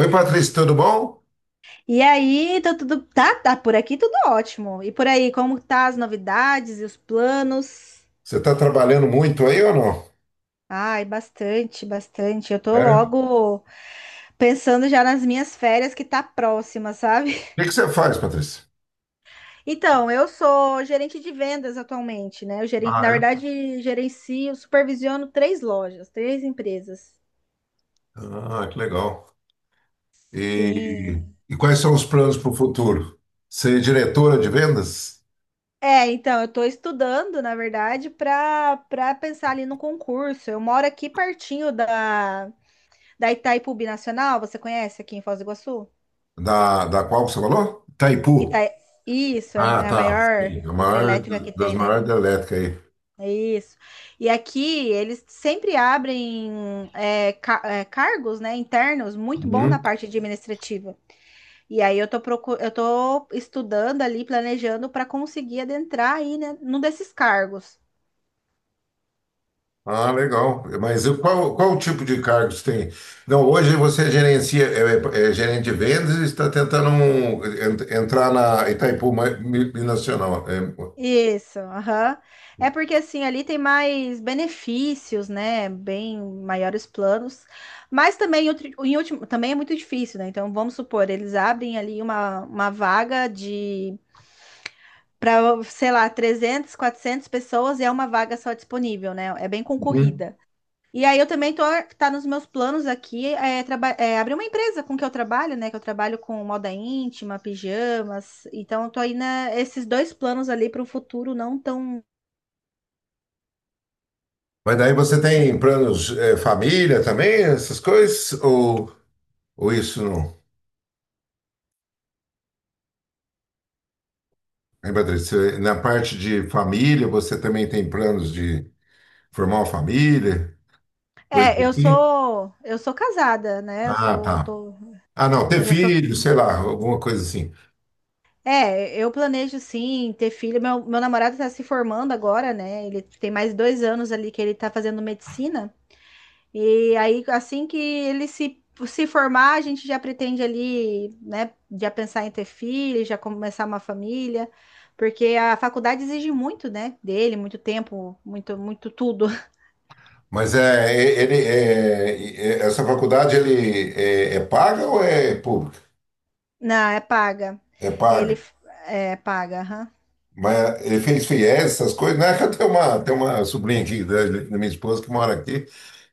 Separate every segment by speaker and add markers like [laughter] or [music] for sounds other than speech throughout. Speaker 1: Oi, Patrícia, tudo bom?
Speaker 2: E aí, tá por aqui tudo ótimo. E por aí, como tá as novidades e os planos?
Speaker 1: Você está trabalhando muito aí ou não?
Speaker 2: Ai, bastante, bastante. Eu tô
Speaker 1: É? O
Speaker 2: logo pensando já nas minhas férias que tá próxima, sabe? [laughs]
Speaker 1: que que você faz, Patrícia?
Speaker 2: Então, eu sou gerente de vendas atualmente, né? Eu gerencio,
Speaker 1: Ah,
Speaker 2: na
Speaker 1: é?
Speaker 2: verdade, gerencio, supervisiono três lojas, três empresas.
Speaker 1: Ah, que legal.
Speaker 2: Sim.
Speaker 1: E, e quais são os planos para o futuro? Ser diretora de vendas
Speaker 2: É, então, eu estou estudando, na verdade, para pensar ali no concurso. Eu moro aqui pertinho da, da Itaipu Binacional, você conhece aqui em Foz do Iguaçu?
Speaker 1: da qual que você falou?
Speaker 2: Ita...
Speaker 1: Itaipu.
Speaker 2: Isso, é
Speaker 1: Ah,
Speaker 2: é a
Speaker 1: tá.
Speaker 2: maior
Speaker 1: Sim, a maior
Speaker 2: hidrelétrica que
Speaker 1: das
Speaker 2: tem, né?
Speaker 1: maiores da elétrica aí.
Speaker 2: É isso. E aqui eles sempre abrem cargos, né, internos muito bom na
Speaker 1: Hum?
Speaker 2: parte administrativa. E aí eu tô estudando ali, planejando para conseguir adentrar aí, né, num desses cargos.
Speaker 1: Ah, legal. Mas e qual o tipo de cargos tem? Não, hoje você gerencia, é gerente de vendas e está tentando entrar na Binacional. É,
Speaker 2: Isso, aham. É porque assim, ali tem mais benefícios, né? Bem maiores planos, mas também em último, também é muito difícil, né? Então, vamos supor, eles abrem ali uma vaga de para, sei lá, 300, 400 pessoas e é uma vaga só disponível, né? É bem
Speaker 1: uhum.
Speaker 2: concorrida. E aí eu também tô tá nos meus planos aqui é, é abrir uma empresa com que eu trabalho, né? Que eu trabalho com moda íntima, pijamas. Então eu tô aí né, esses dois planos ali para o futuro não tão.
Speaker 1: Mas daí você tem planos, é, família também, essas coisas? Ou isso não? Hein, Patrícia? Na parte de família, você também tem planos de formar uma família, coisa
Speaker 2: É,
Speaker 1: assim?
Speaker 2: eu sou casada, né? Eu
Speaker 1: Ah,
Speaker 2: sou,
Speaker 1: tá.
Speaker 2: tô,
Speaker 1: Ah, não, ter
Speaker 2: eu já sou.
Speaker 1: filho, sei lá, alguma coisa assim.
Speaker 2: É, eu planejo sim ter filho. Meu namorado tá se formando agora, né? Ele tem mais dois anos ali que ele tá fazendo medicina. E aí, assim que ele se, se formar, a gente já pretende ali, né? Já pensar em ter filho, já começar uma família, porque a faculdade exige muito, né? Dele, muito tempo, muito, muito tudo. [laughs]
Speaker 1: Mas é, e- ele, é, e- é- essa faculdade ele é paga ou é pública?
Speaker 2: Não, é paga.
Speaker 1: É
Speaker 2: Ele
Speaker 1: paga.
Speaker 2: f- é paga, aham.
Speaker 1: Mas ele fez FIES, essas coisas, né? [laughs] Que eu tenho uma sobrinha aqui da minha esposa que mora aqui,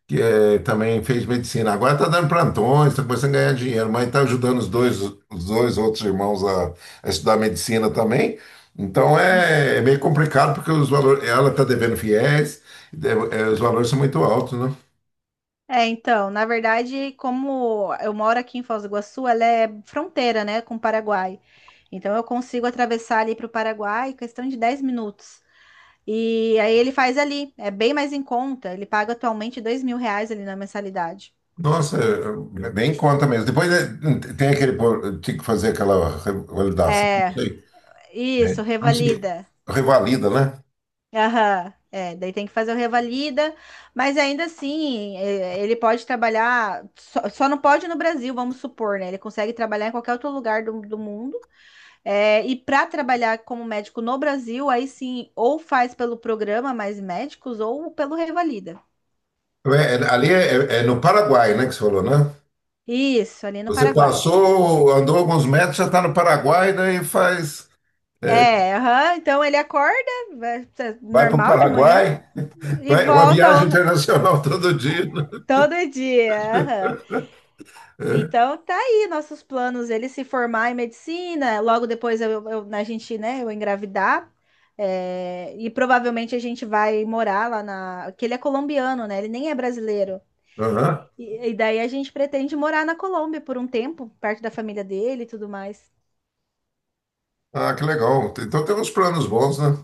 Speaker 1: que é, também fez medicina. Agora está dando plantões, está começando a ganhar dinheiro, mas está ajudando os dois outros irmãos a estudar medicina também. Então é meio complicado porque os valores, ela está devendo FIES, é, os valores são muito altos, né?
Speaker 2: É, então, na verdade, como eu moro aqui em Foz do Iguaçu, ela é fronteira, né, com o Paraguai. Então, eu consigo atravessar ali para o Paraguai em questão de 10 minutos. E aí ele faz ali, é bem mais em conta. Ele paga atualmente 2 mil reais ali na mensalidade.
Speaker 1: Nossa, nem conta mesmo. Depois tem aquele, tinha que fazer aquela revalidação, não
Speaker 2: É,
Speaker 1: sei, né?
Speaker 2: isso,
Speaker 1: Não sei,
Speaker 2: revalida.
Speaker 1: revalida, né?
Speaker 2: Aham, é, daí tem que fazer o revalida, mas ainda assim, é, ele pode trabalhar, só, só não pode no Brasil, vamos supor, né? Ele consegue trabalhar em qualquer outro lugar do mundo. É, e para trabalhar como médico no Brasil, aí sim, ou faz pelo programa Mais Médicos ou pelo Revalida.
Speaker 1: Ali é no Paraguai, né, que você falou, né?
Speaker 2: Isso, ali no
Speaker 1: Você
Speaker 2: Paraguai.
Speaker 1: passou, andou alguns metros, já está no Paraguai, daí faz, é,
Speaker 2: É, aham, então ele acorda, tá
Speaker 1: vai para o
Speaker 2: normal de manhã,
Speaker 1: Paraguai,
Speaker 2: e
Speaker 1: vai, uma
Speaker 2: volta
Speaker 1: viagem
Speaker 2: ó,
Speaker 1: internacional [laughs] todo dia, né?
Speaker 2: todo dia. Aham.
Speaker 1: É,
Speaker 2: Então tá aí nossos planos, ele se formar em medicina, logo depois a gente, né, eu engravidar, é, e provavelmente a gente vai morar lá na... que ele é colombiano, né, ele nem é brasileiro.
Speaker 1: aham.
Speaker 2: E daí a gente pretende morar na Colômbia por um tempo, perto da família dele e tudo mais.
Speaker 1: Ah, que legal. Então tem uns planos bons, né?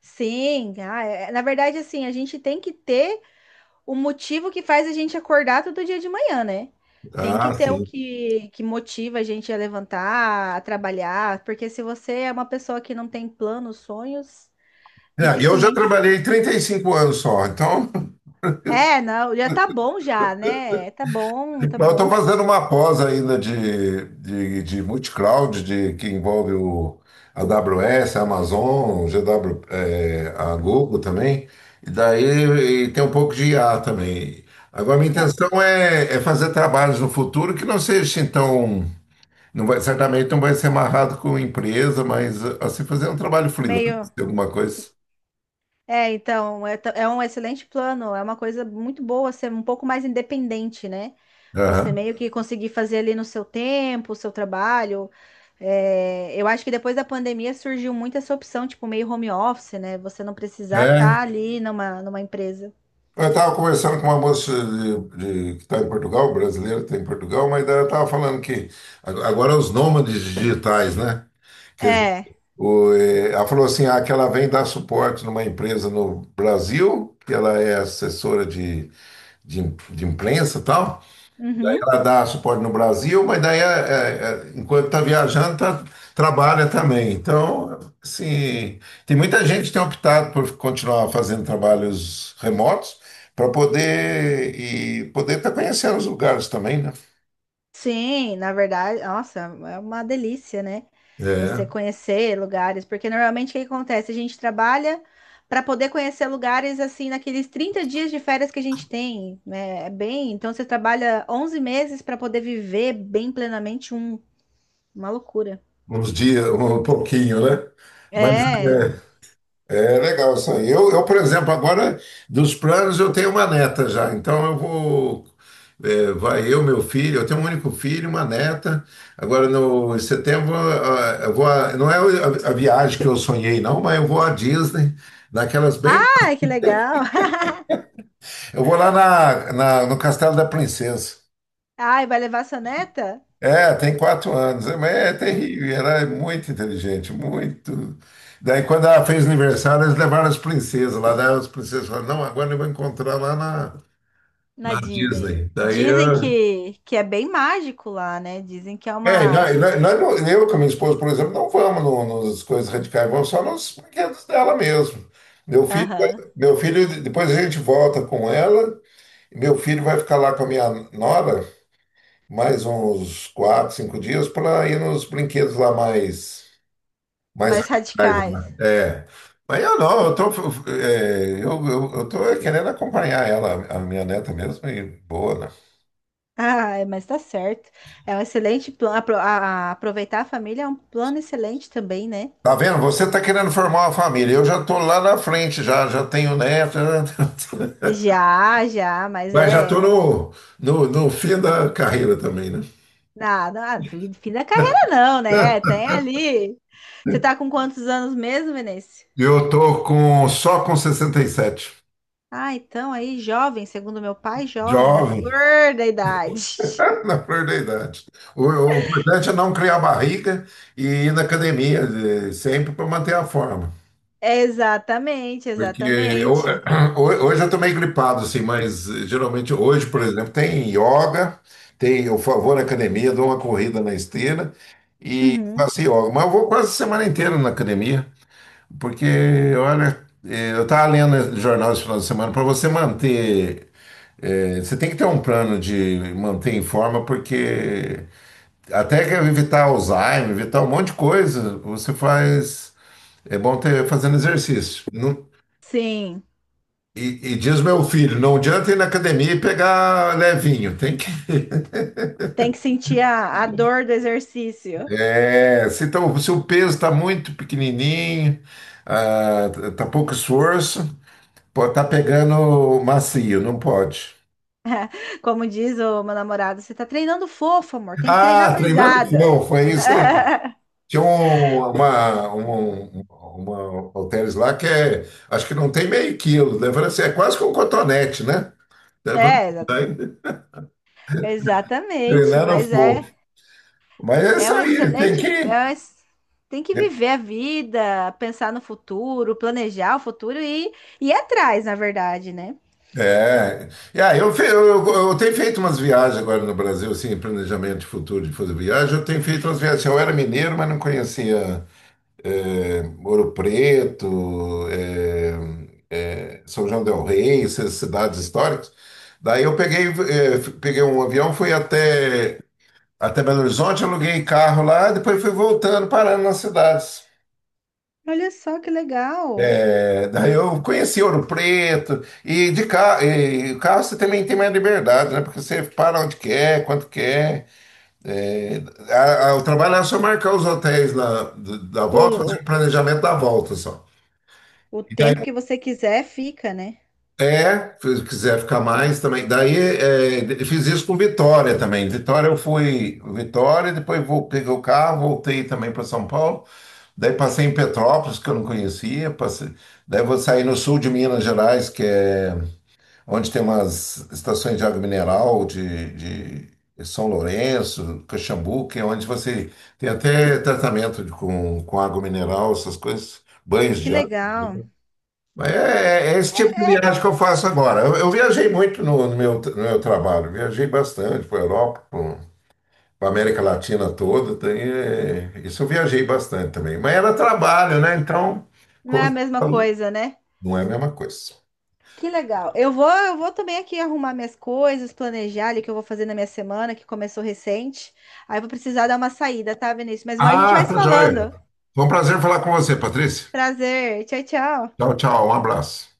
Speaker 2: Sim, ah, é, na verdade, assim, a gente tem que ter o motivo que faz a gente acordar todo dia de manhã, né? Tem que
Speaker 1: Ah,
Speaker 2: ter o
Speaker 1: sim.
Speaker 2: que, que motiva a gente a levantar, a trabalhar, porque se você é uma pessoa que não tem planos, sonhos,
Speaker 1: É, eu já
Speaker 2: dificilmente.
Speaker 1: trabalhei 35 anos só, então.
Speaker 2: É, não, já tá bom já, né? Tá bom, tá
Speaker 1: Mas eu
Speaker 2: bom.
Speaker 1: estou
Speaker 2: [laughs]
Speaker 1: fazendo uma pós ainda de multicloud, que envolve o a AWS, a Amazon, o GW, a Google também. E daí e tem um pouco de IA também. Agora, minha
Speaker 2: É
Speaker 1: intenção é fazer trabalhos no futuro que não seja então. Não vai, certamente não vai ser amarrado com empresa, mas assim, fazer um trabalho freelance,
Speaker 2: meio.
Speaker 1: alguma coisa.
Speaker 2: É, então, é um excelente plano, é uma coisa muito boa ser um pouco mais independente, né? Você
Speaker 1: Aham.
Speaker 2: meio que conseguir fazer ali no seu tempo, o seu trabalho. É, eu acho que depois da pandemia surgiu muito essa opção, tipo, meio home office, né? Você não precisar
Speaker 1: É,
Speaker 2: estar ali numa empresa.
Speaker 1: eu estava conversando com uma moça que está em Portugal, brasileira, que está em Portugal, mas daí ela estava falando que agora os nômades digitais, né? Quer dizer,
Speaker 2: É.
Speaker 1: ela falou assim, ah, que ela vem dar suporte numa empresa no Brasil, que ela é assessora de imprensa e tal,
Speaker 2: Uhum.
Speaker 1: ela dá suporte no Brasil, mas daí, enquanto está viajando, trabalha também. Então, assim, tem muita gente que tem optado por continuar fazendo trabalhos remotos para poder estar conhecendo os lugares também, né?
Speaker 2: Sim, na verdade, nossa, é uma delícia, né?
Speaker 1: É,
Speaker 2: Você conhecer lugares, porque normalmente o que acontece? A gente trabalha para poder conhecer lugares assim naqueles 30 dias de férias que a gente tem, né? É bem, então você trabalha 11 meses para poder viver bem plenamente um, uma loucura.
Speaker 1: uns dias, um pouquinho, né? Mas
Speaker 2: É.
Speaker 1: é legal isso aí. Eu, por exemplo, agora dos planos eu tenho uma neta já, então eu vou. Vai eu, meu filho, eu tenho um único filho, uma neta. Agora no em setembro eu vou. Não é a viagem que eu sonhei, não, mas eu vou à Disney, naquelas bem.
Speaker 2: Ai, que legal. [laughs]
Speaker 1: Eu vou lá no Castelo da Princesa.
Speaker 2: Ai, vai levar sua neta
Speaker 1: É, tem 4 anos, é, mas é terrível, e ela é muito inteligente, muito. Daí, quando ela fez aniversário, eles levaram as princesas lá, daí as princesas falaram, não, agora eu vou encontrar lá na,
Speaker 2: na
Speaker 1: na
Speaker 2: Disney.
Speaker 1: Disney. Daí,
Speaker 2: Dizem
Speaker 1: eu...
Speaker 2: que é bem mágico lá, né? Dizem que é
Speaker 1: é,
Speaker 2: uma,
Speaker 1: e nós- Eu com a minha esposa, por exemplo, não vamos nas coisas radicais, vamos só nos brinquedos dela mesmo. Meu filho,
Speaker 2: aham,
Speaker 1: meu filho, depois a gente volta com ela, e meu filho vai ficar lá com a minha nora mais uns quatro, cinco dias para ir nos brinquedos lá mais
Speaker 2: mais
Speaker 1: atrás,
Speaker 2: radicais.
Speaker 1: né? É. Mas eu não, eu tô, eu tô querendo acompanhar ela, a minha neta mesmo, e boa, né?
Speaker 2: Ah, mas tá certo. É um excelente plano. Aproveitar a família é um plano excelente também, né?
Speaker 1: Tá vendo? Você tá querendo formar uma família. Eu já tô lá na frente, já, já, tenho neto,
Speaker 2: Já, já,
Speaker 1: [laughs]
Speaker 2: mas
Speaker 1: mas já tô
Speaker 2: é.
Speaker 1: no fim da carreira também, né?
Speaker 2: Nada, nada, fim da carreira não, né?
Speaker 1: [laughs]
Speaker 2: Tem ali. Você tá com quantos anos mesmo, Vinícius?
Speaker 1: Eu tô com, só com 67.
Speaker 2: Ah, então aí, jovem, segundo meu pai, jovem, na
Speaker 1: Jovem,
Speaker 2: flor da idade.
Speaker 1: [laughs] na flor da idade. O importante é não criar barriga e ir na academia, sempre para manter a forma.
Speaker 2: [laughs] Exatamente,
Speaker 1: Porque
Speaker 2: exatamente.
Speaker 1: [clears throat] hoje eu tô meio gripado, assim, mas geralmente hoje, por exemplo, tem yoga, vou na academia, dou uma corrida na esteira e
Speaker 2: Uhum.
Speaker 1: faço yoga. Mas eu vou quase a semana inteira na academia, porque, olha, eu tava lendo jornal esse final de semana, para você manter, você tem que ter um plano de manter em forma, porque até que evitar Alzheimer, evitar um monte de coisa, você faz, é bom ter fazendo exercício. Não.
Speaker 2: Sim,
Speaker 1: E diz meu filho, não adianta ir na academia e pegar levinho, tem que.
Speaker 2: tem que sentir a dor do exercício.
Speaker 1: É, se o peso está muito pequenininho, ah, tá pouco esforço, pode estar pegando macio, não pode.
Speaker 2: Como diz o meu namorado, você tá treinando fofo, amor, tem que treinar
Speaker 1: Ah, treinando
Speaker 2: pesada.
Speaker 1: não, foi isso aí.
Speaker 2: [laughs]
Speaker 1: Tinha uma halteres lá que é, acho que não tem meio quilo, né? Eu falei assim, é quase que um cotonete, né? Eu falei assim,
Speaker 2: É,
Speaker 1: daí,
Speaker 2: exatamente,
Speaker 1: treinando
Speaker 2: mas
Speaker 1: fogo.
Speaker 2: é,
Speaker 1: Mas é
Speaker 2: é
Speaker 1: isso
Speaker 2: um
Speaker 1: aí, tem
Speaker 2: excelente,
Speaker 1: que.
Speaker 2: é um ex- tem que viver a vida, pensar no futuro, planejar o futuro e ir atrás, na verdade, né?
Speaker 1: É, e aí eu, fe- eu tenho feito umas viagens agora no Brasil, assim, planejamento de futuro de fazer viagem. Eu tenho feito umas viagens. Assim, eu era mineiro, mas não conhecia Ouro Preto, São João del Rei, essas cidades históricas. Daí eu peguei, peguei um avião, fui até Belo Horizonte, aluguei carro lá, depois fui voltando, parando nas cidades.
Speaker 2: Olha só que legal.
Speaker 1: É, daí eu conheci Ouro Preto e de carro, e carro você também tem mais liberdade, né? Porque você para onde quer, quanto quer. É, o trabalho era só marcar os hotéis lá da
Speaker 2: O,
Speaker 1: volta,
Speaker 2: o,
Speaker 1: fazer o planejamento da volta só.
Speaker 2: o
Speaker 1: E daí,
Speaker 2: tempo que você quiser fica, né?
Speaker 1: se quiser ficar mais também. Daí, fiz isso com Vitória também. Vitória, eu fui Vitória, depois peguei o carro, voltei também para São Paulo. Daí, passei em Petrópolis, que eu não conhecia. Passei, daí, vou sair no sul de Minas Gerais, que é onde tem umas estações de água mineral de São Lourenço, Caxambu, que é onde você tem até tratamento com água mineral, essas coisas, banhos
Speaker 2: Que
Speaker 1: de água.
Speaker 2: legal.
Speaker 1: Mas esse
Speaker 2: É,
Speaker 1: tipo de viagem
Speaker 2: é,
Speaker 1: que eu faço agora. Eu viajei muito no meu trabalho, viajei bastante para a Europa, para a América Latina toda. Tem, isso eu viajei bastante também. Mas era trabalho, né? Então,
Speaker 2: não
Speaker 1: como
Speaker 2: é a
Speaker 1: você
Speaker 2: mesma
Speaker 1: falou,
Speaker 2: coisa, né?
Speaker 1: não é a mesma coisa.
Speaker 2: Que legal. Eu vou também aqui arrumar minhas coisas, planejar ali o que eu vou fazer na minha semana, que começou recente. Aí eu vou precisar dar uma saída, tá, Vinícius? Mas a gente
Speaker 1: Ah,
Speaker 2: vai se
Speaker 1: tá joia.
Speaker 2: falando.
Speaker 1: Foi um prazer falar com você, Patrícia.
Speaker 2: Prazer. Tchau, tchau.
Speaker 1: Tchau, tchau. Um abraço.